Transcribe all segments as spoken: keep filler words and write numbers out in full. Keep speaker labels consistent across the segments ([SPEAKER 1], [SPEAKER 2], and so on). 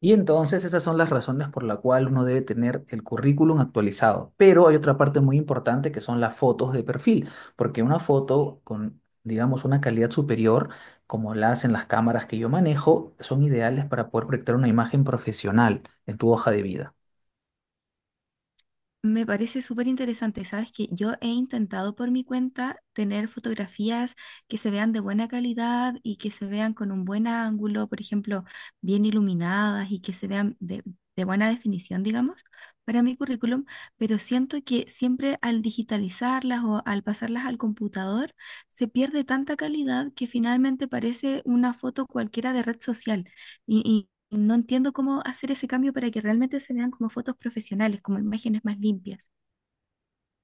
[SPEAKER 1] Y entonces esas son las razones por la cual uno debe tener el currículum actualizado. Pero hay otra parte muy importante que son las fotos de perfil, porque una foto con, digamos, una calidad superior, como la hacen las cámaras que yo manejo, son ideales para poder proyectar una imagen profesional en tu hoja de vida.
[SPEAKER 2] Me parece súper interesante. Sabes que yo he intentado por mi cuenta tener fotografías que se vean de buena calidad y que se vean con un buen ángulo, por ejemplo, bien iluminadas y que se vean de, de buena definición, digamos, para mi currículum, pero siento que siempre al digitalizarlas o al pasarlas al computador se pierde tanta calidad que finalmente parece una foto cualquiera de red social. Y, y no entiendo cómo hacer ese cambio para que realmente se vean como fotos profesionales, como imágenes más limpias.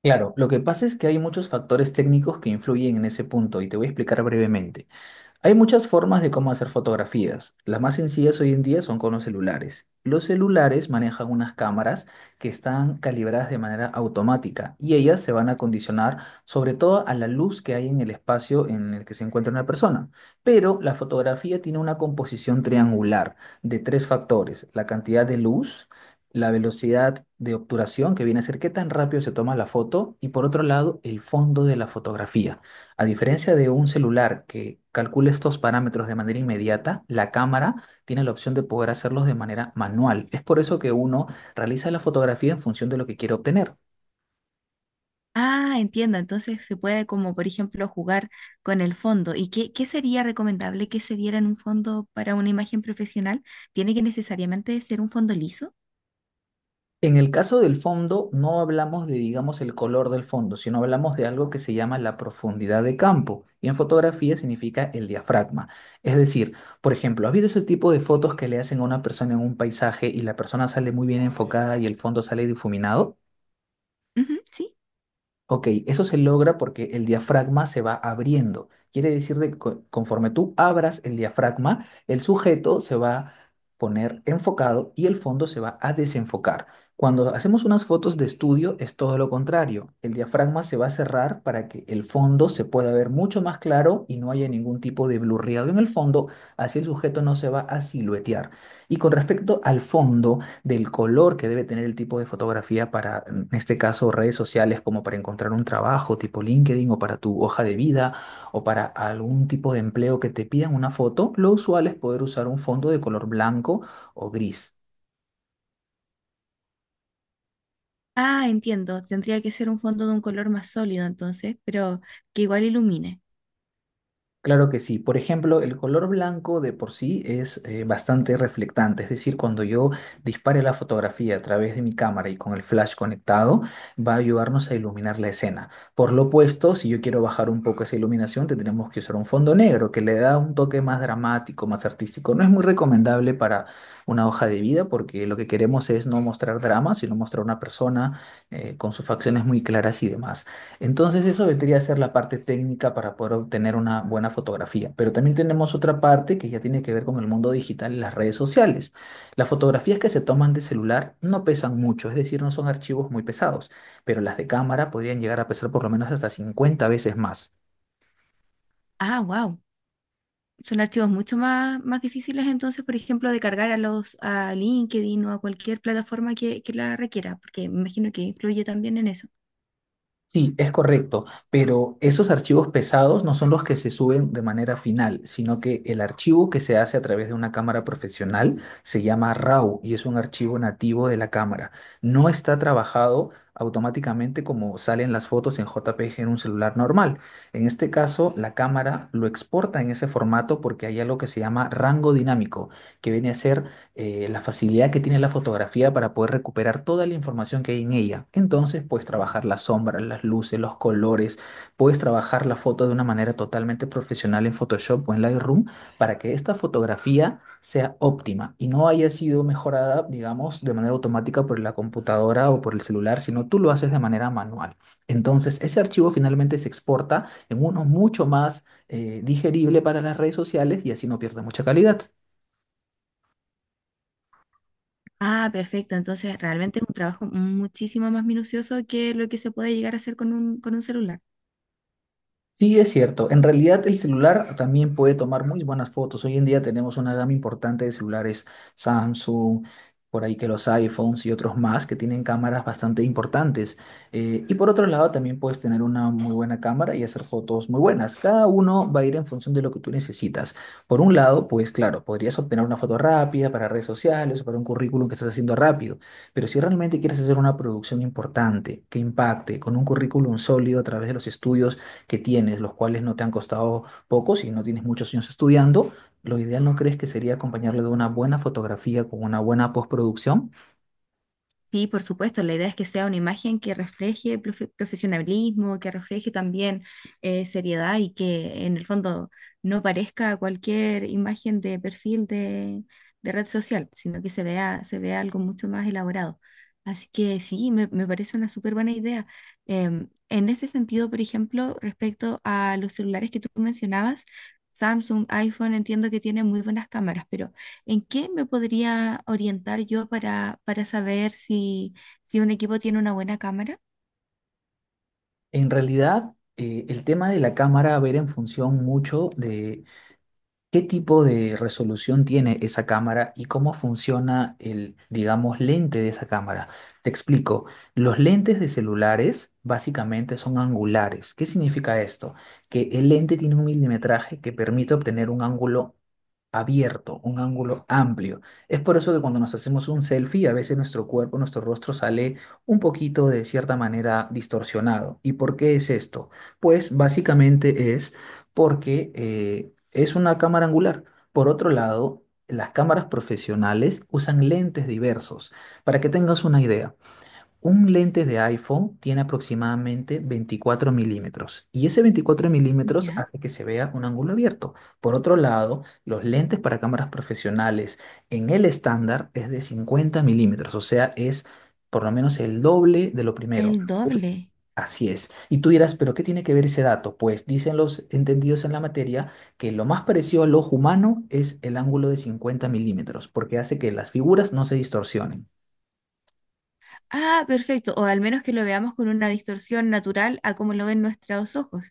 [SPEAKER 1] Claro, lo que pasa es que hay muchos factores técnicos que influyen en ese punto y te voy a explicar brevemente. Hay muchas formas de cómo hacer fotografías. Las más sencillas hoy en día son con los celulares. Los celulares manejan unas cámaras que están calibradas de manera automática y ellas se van a condicionar sobre todo a la luz que hay en el espacio en el que se encuentra una persona. Pero la fotografía tiene una composición triangular de tres factores, la cantidad de luz, la velocidad de obturación, que viene a ser qué tan rápido se toma la foto, y por otro lado, el fondo de la fotografía. A diferencia de un celular que calcula estos parámetros de manera inmediata, la cámara tiene la opción de poder hacerlos de manera manual. Es por eso que uno realiza la fotografía en función de lo que quiere obtener.
[SPEAKER 2] Ah, entiendo. Entonces se puede como, por ejemplo, jugar con el fondo. ¿Y qué, qué sería recomendable que se diera en un fondo para una imagen profesional? ¿Tiene que necesariamente ser un fondo liso?
[SPEAKER 1] En el caso del fondo, no hablamos de, digamos, el color del fondo, sino hablamos de algo que se llama la profundidad de campo. Y en fotografía significa el diafragma. Es decir, por ejemplo, ¿has visto ese tipo de fotos que le hacen a una persona en un paisaje y la persona sale muy bien enfocada y el fondo sale difuminado?
[SPEAKER 2] Ujú, sí.
[SPEAKER 1] Ok, eso se logra porque el diafragma se va abriendo. Quiere decir de que co- conforme tú abras el diafragma, el sujeto se va a poner enfocado y el fondo se va a desenfocar. Cuando hacemos unas fotos de estudio es todo lo contrario. El diafragma se va a cerrar para que el fondo se pueda ver mucho más claro y no haya ningún tipo de blurreado en el fondo, así el sujeto no se va a siluetear. Y con respecto al fondo del color que debe tener el tipo de fotografía para, en este caso, redes sociales, como para encontrar un trabajo tipo LinkedIn o para tu hoja de vida o para algún tipo de empleo que te pidan una foto, lo usual es poder usar un fondo de color blanco o gris.
[SPEAKER 2] Ah, entiendo. Tendría que ser un fondo de un color más sólido entonces, pero que igual ilumine.
[SPEAKER 1] Claro que sí. Por ejemplo, el color blanco de por sí es eh, bastante reflectante, es decir, cuando yo dispare la fotografía a través de mi cámara y con el flash conectado, va a ayudarnos a iluminar la escena. Por lo opuesto, si yo quiero bajar un poco esa iluminación, tendremos que usar un fondo negro que le da un toque más dramático, más artístico. No es muy recomendable para una hoja de vida porque lo que queremos es no mostrar drama, sino mostrar una persona eh, con sus facciones muy claras y demás. Entonces eso vendría a ser la parte técnica para poder obtener una buena fotografía. Pero también tenemos otra parte que ya tiene que ver con el mundo digital y las redes sociales. Las fotografías que se toman de celular no pesan mucho, es decir, no son archivos muy pesados, pero las de cámara podrían llegar a pesar por lo menos hasta cincuenta veces más.
[SPEAKER 2] Ah, wow. Son archivos mucho más, más difíciles entonces, por ejemplo, de cargar a los a LinkedIn o a cualquier plataforma que, que la requiera, porque me imagino que influye también en eso.
[SPEAKER 1] Sí, es correcto, pero esos archivos pesados no son los que se suben de manera final, sino que el archivo que se hace a través de una cámara profesional se llama R A W y es un archivo nativo de la cámara. No está trabajado automáticamente como salen las fotos en J P G en un celular normal. En este caso, la cámara lo exporta en ese formato porque hay algo que se llama rango dinámico, que viene a ser eh, la facilidad que tiene la fotografía para poder recuperar toda la información que hay en ella. Entonces puedes trabajar las sombras, las luces, los colores, puedes trabajar la foto de una manera totalmente profesional en Photoshop o en Lightroom para que esta fotografía sea óptima y no haya sido mejorada, digamos, de manera automática por la computadora o por el celular, sino tú lo haces de manera manual. Entonces, ese archivo finalmente se exporta en uno mucho más eh, digerible para las redes sociales y así no pierde mucha calidad.
[SPEAKER 2] Ah, perfecto. Entonces, realmente es un trabajo muchísimo más minucioso que lo que se puede llegar a hacer con un, con un celular.
[SPEAKER 1] Sí, es cierto. En realidad el celular también puede tomar muy buenas fotos. Hoy en día tenemos una gama importante de celulares Samsung, por ahí que los iPhones y otros más que tienen cámaras bastante importantes. Eh, y por otro lado también puedes tener una muy buena cámara y hacer fotos muy buenas. Cada uno va a ir en función de lo que tú necesitas. Por un lado, pues claro, podrías obtener una foto rápida para redes sociales o para un currículum que estás haciendo rápido. Pero si realmente quieres hacer una producción importante, que impacte, con un currículum sólido a través de los estudios, que tienes, los cuales no te han costado poco, si no tienes muchos años estudiando, lo ideal no crees que sería acompañarlo de una buena fotografía con una buena postproducción.
[SPEAKER 2] Sí, por supuesto, la idea es que sea una imagen que refleje profe- profesionalismo, que refleje también eh, seriedad y que en el fondo no parezca cualquier imagen de perfil de, de red social, sino que se vea, se vea algo mucho más elaborado. Así que sí, me, me parece una súper buena idea. Em, en ese sentido, por ejemplo, respecto a los celulares que tú mencionabas, Samsung, iPhone, entiendo que tienen muy buenas cámaras, pero... ¿En qué me podría orientar yo para, para saber si, si un equipo tiene una buena cámara?
[SPEAKER 1] En realidad, eh, el tema de la cámara va a ver en función mucho de ¿qué tipo de resolución tiene esa cámara y cómo funciona el, digamos, lente de esa cámara? Te explico. Los lentes de celulares básicamente son angulares. ¿Qué significa esto? Que el lente tiene un milimetraje que permite obtener un ángulo abierto, un ángulo amplio. Es por eso que cuando nos hacemos un selfie, a veces nuestro cuerpo, nuestro rostro sale un poquito de cierta manera distorsionado. ¿Y por qué es esto? Pues básicamente es porque eh, es una cámara angular. Por otro lado, las cámaras profesionales usan lentes diversos. Para que tengas una idea, un lente de iPhone tiene aproximadamente veinticuatro milímetros y ese veinticuatro milímetros
[SPEAKER 2] ¿Ya?
[SPEAKER 1] hace que se vea un ángulo abierto. Por otro lado, los lentes para cámaras profesionales en el estándar es de cincuenta milímetros, o sea, es por lo menos el doble de lo
[SPEAKER 2] El
[SPEAKER 1] primero.
[SPEAKER 2] doble.
[SPEAKER 1] Así es. Y tú dirás, ¿pero qué tiene que ver ese dato? Pues dicen los entendidos en la materia que lo más parecido al ojo humano es el ángulo de cincuenta milímetros, porque hace que las figuras no se distorsionen.
[SPEAKER 2] Ah, perfecto. O al menos que lo veamos con una distorsión natural a como lo ven nuestros ojos.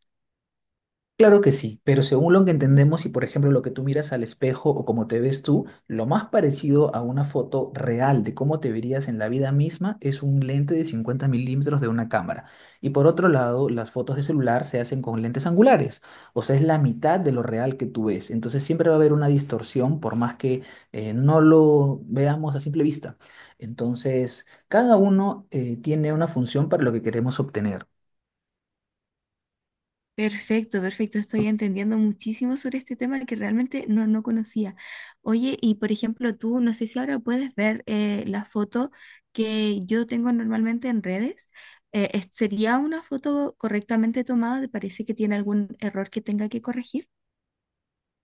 [SPEAKER 1] Claro que sí, pero según lo que entendemos y por ejemplo lo que tú miras al espejo o cómo te ves tú, lo más parecido a una foto real de cómo te verías en la vida misma es un lente de cincuenta milímetros de una cámara. Y por otro lado, las fotos de celular se hacen con lentes angulares, o sea, es la mitad de lo real que tú ves. Entonces siempre va a haber una distorsión por más que eh, no lo veamos a simple vista. Entonces, cada uno eh, tiene una función para lo que queremos obtener.
[SPEAKER 2] Perfecto, perfecto. Estoy entendiendo muchísimo sobre este tema que realmente no, no conocía. Oye, y por ejemplo, tú, no sé si ahora puedes ver eh, la foto que yo tengo normalmente en redes. Eh, es- ¿sería una foto correctamente tomada? ¿Te parece que tiene algún error que tenga que corregir?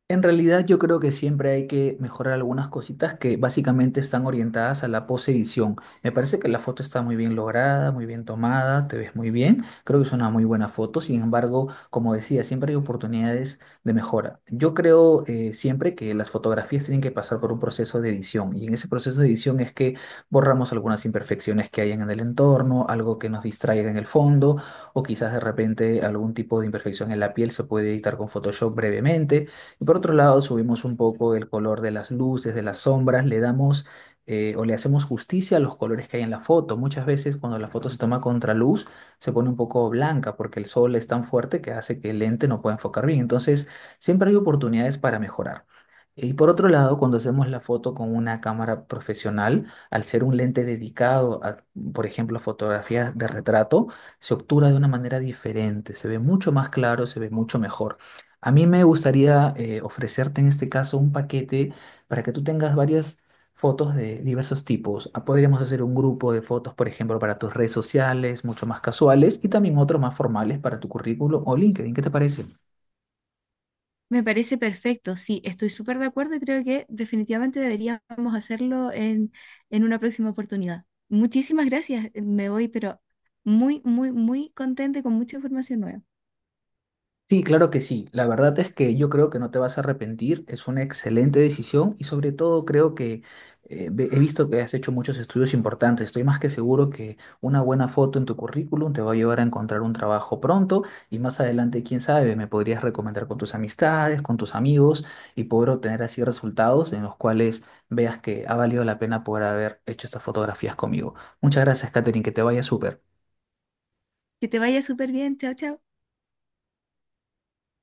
[SPEAKER 1] En realidad yo creo que siempre hay que mejorar algunas cositas que básicamente están orientadas a la posedición. Me parece que la foto está muy bien lograda, muy bien tomada, te ves muy bien. Creo que es una muy buena foto. Sin embargo, como decía, siempre hay oportunidades de mejora. Yo creo eh, siempre que las fotografías tienen que pasar por un proceso de edición y en ese proceso de edición es que borramos algunas imperfecciones que hayan en el entorno, algo que nos distraiga en el fondo o quizás de repente algún tipo de imperfección en la piel se puede editar con Photoshop brevemente. Y por otro lado, subimos un poco el color de las luces, de las sombras, le damos eh, o le hacemos justicia a los colores que hay en la foto. Muchas veces cuando la foto se toma contra luz, se pone un poco blanca porque el sol es tan fuerte que hace que el lente no pueda enfocar bien. Entonces, siempre hay oportunidades para mejorar. Y por otro lado, cuando hacemos la foto con una cámara profesional, al ser un lente dedicado a, por ejemplo, fotografía de retrato, se obtura de una manera diferente, se ve mucho más claro, se ve mucho mejor. A mí me gustaría eh, ofrecerte en este caso un paquete para que tú tengas varias fotos de diversos tipos. Ah, podríamos hacer un grupo de fotos, por ejemplo, para tus redes sociales, mucho más casuales, y también otros más formales para tu currículum o LinkedIn. ¿Qué te parece?
[SPEAKER 2] Me parece perfecto, sí, estoy súper de acuerdo y creo que definitivamente deberíamos hacerlo en, en una próxima oportunidad. Muchísimas gracias, me voy, pero muy, muy, muy contenta y con mucha información nueva.
[SPEAKER 1] Sí, claro que sí. La verdad es que yo creo que no te vas a arrepentir. Es una excelente decisión y sobre todo creo que eh, ve- he visto que has hecho muchos estudios importantes. Estoy más que seguro que una buena foto en tu currículum te va a llevar a encontrar un trabajo pronto y más adelante, quién sabe, me podrías recomendar con tus amistades, con tus amigos y poder obtener así resultados en los cuales veas que ha valido la pena poder haber hecho estas fotografías conmigo. Muchas gracias, Katherine, que te vaya súper.
[SPEAKER 2] Que te vaya súper bien, chao, chao.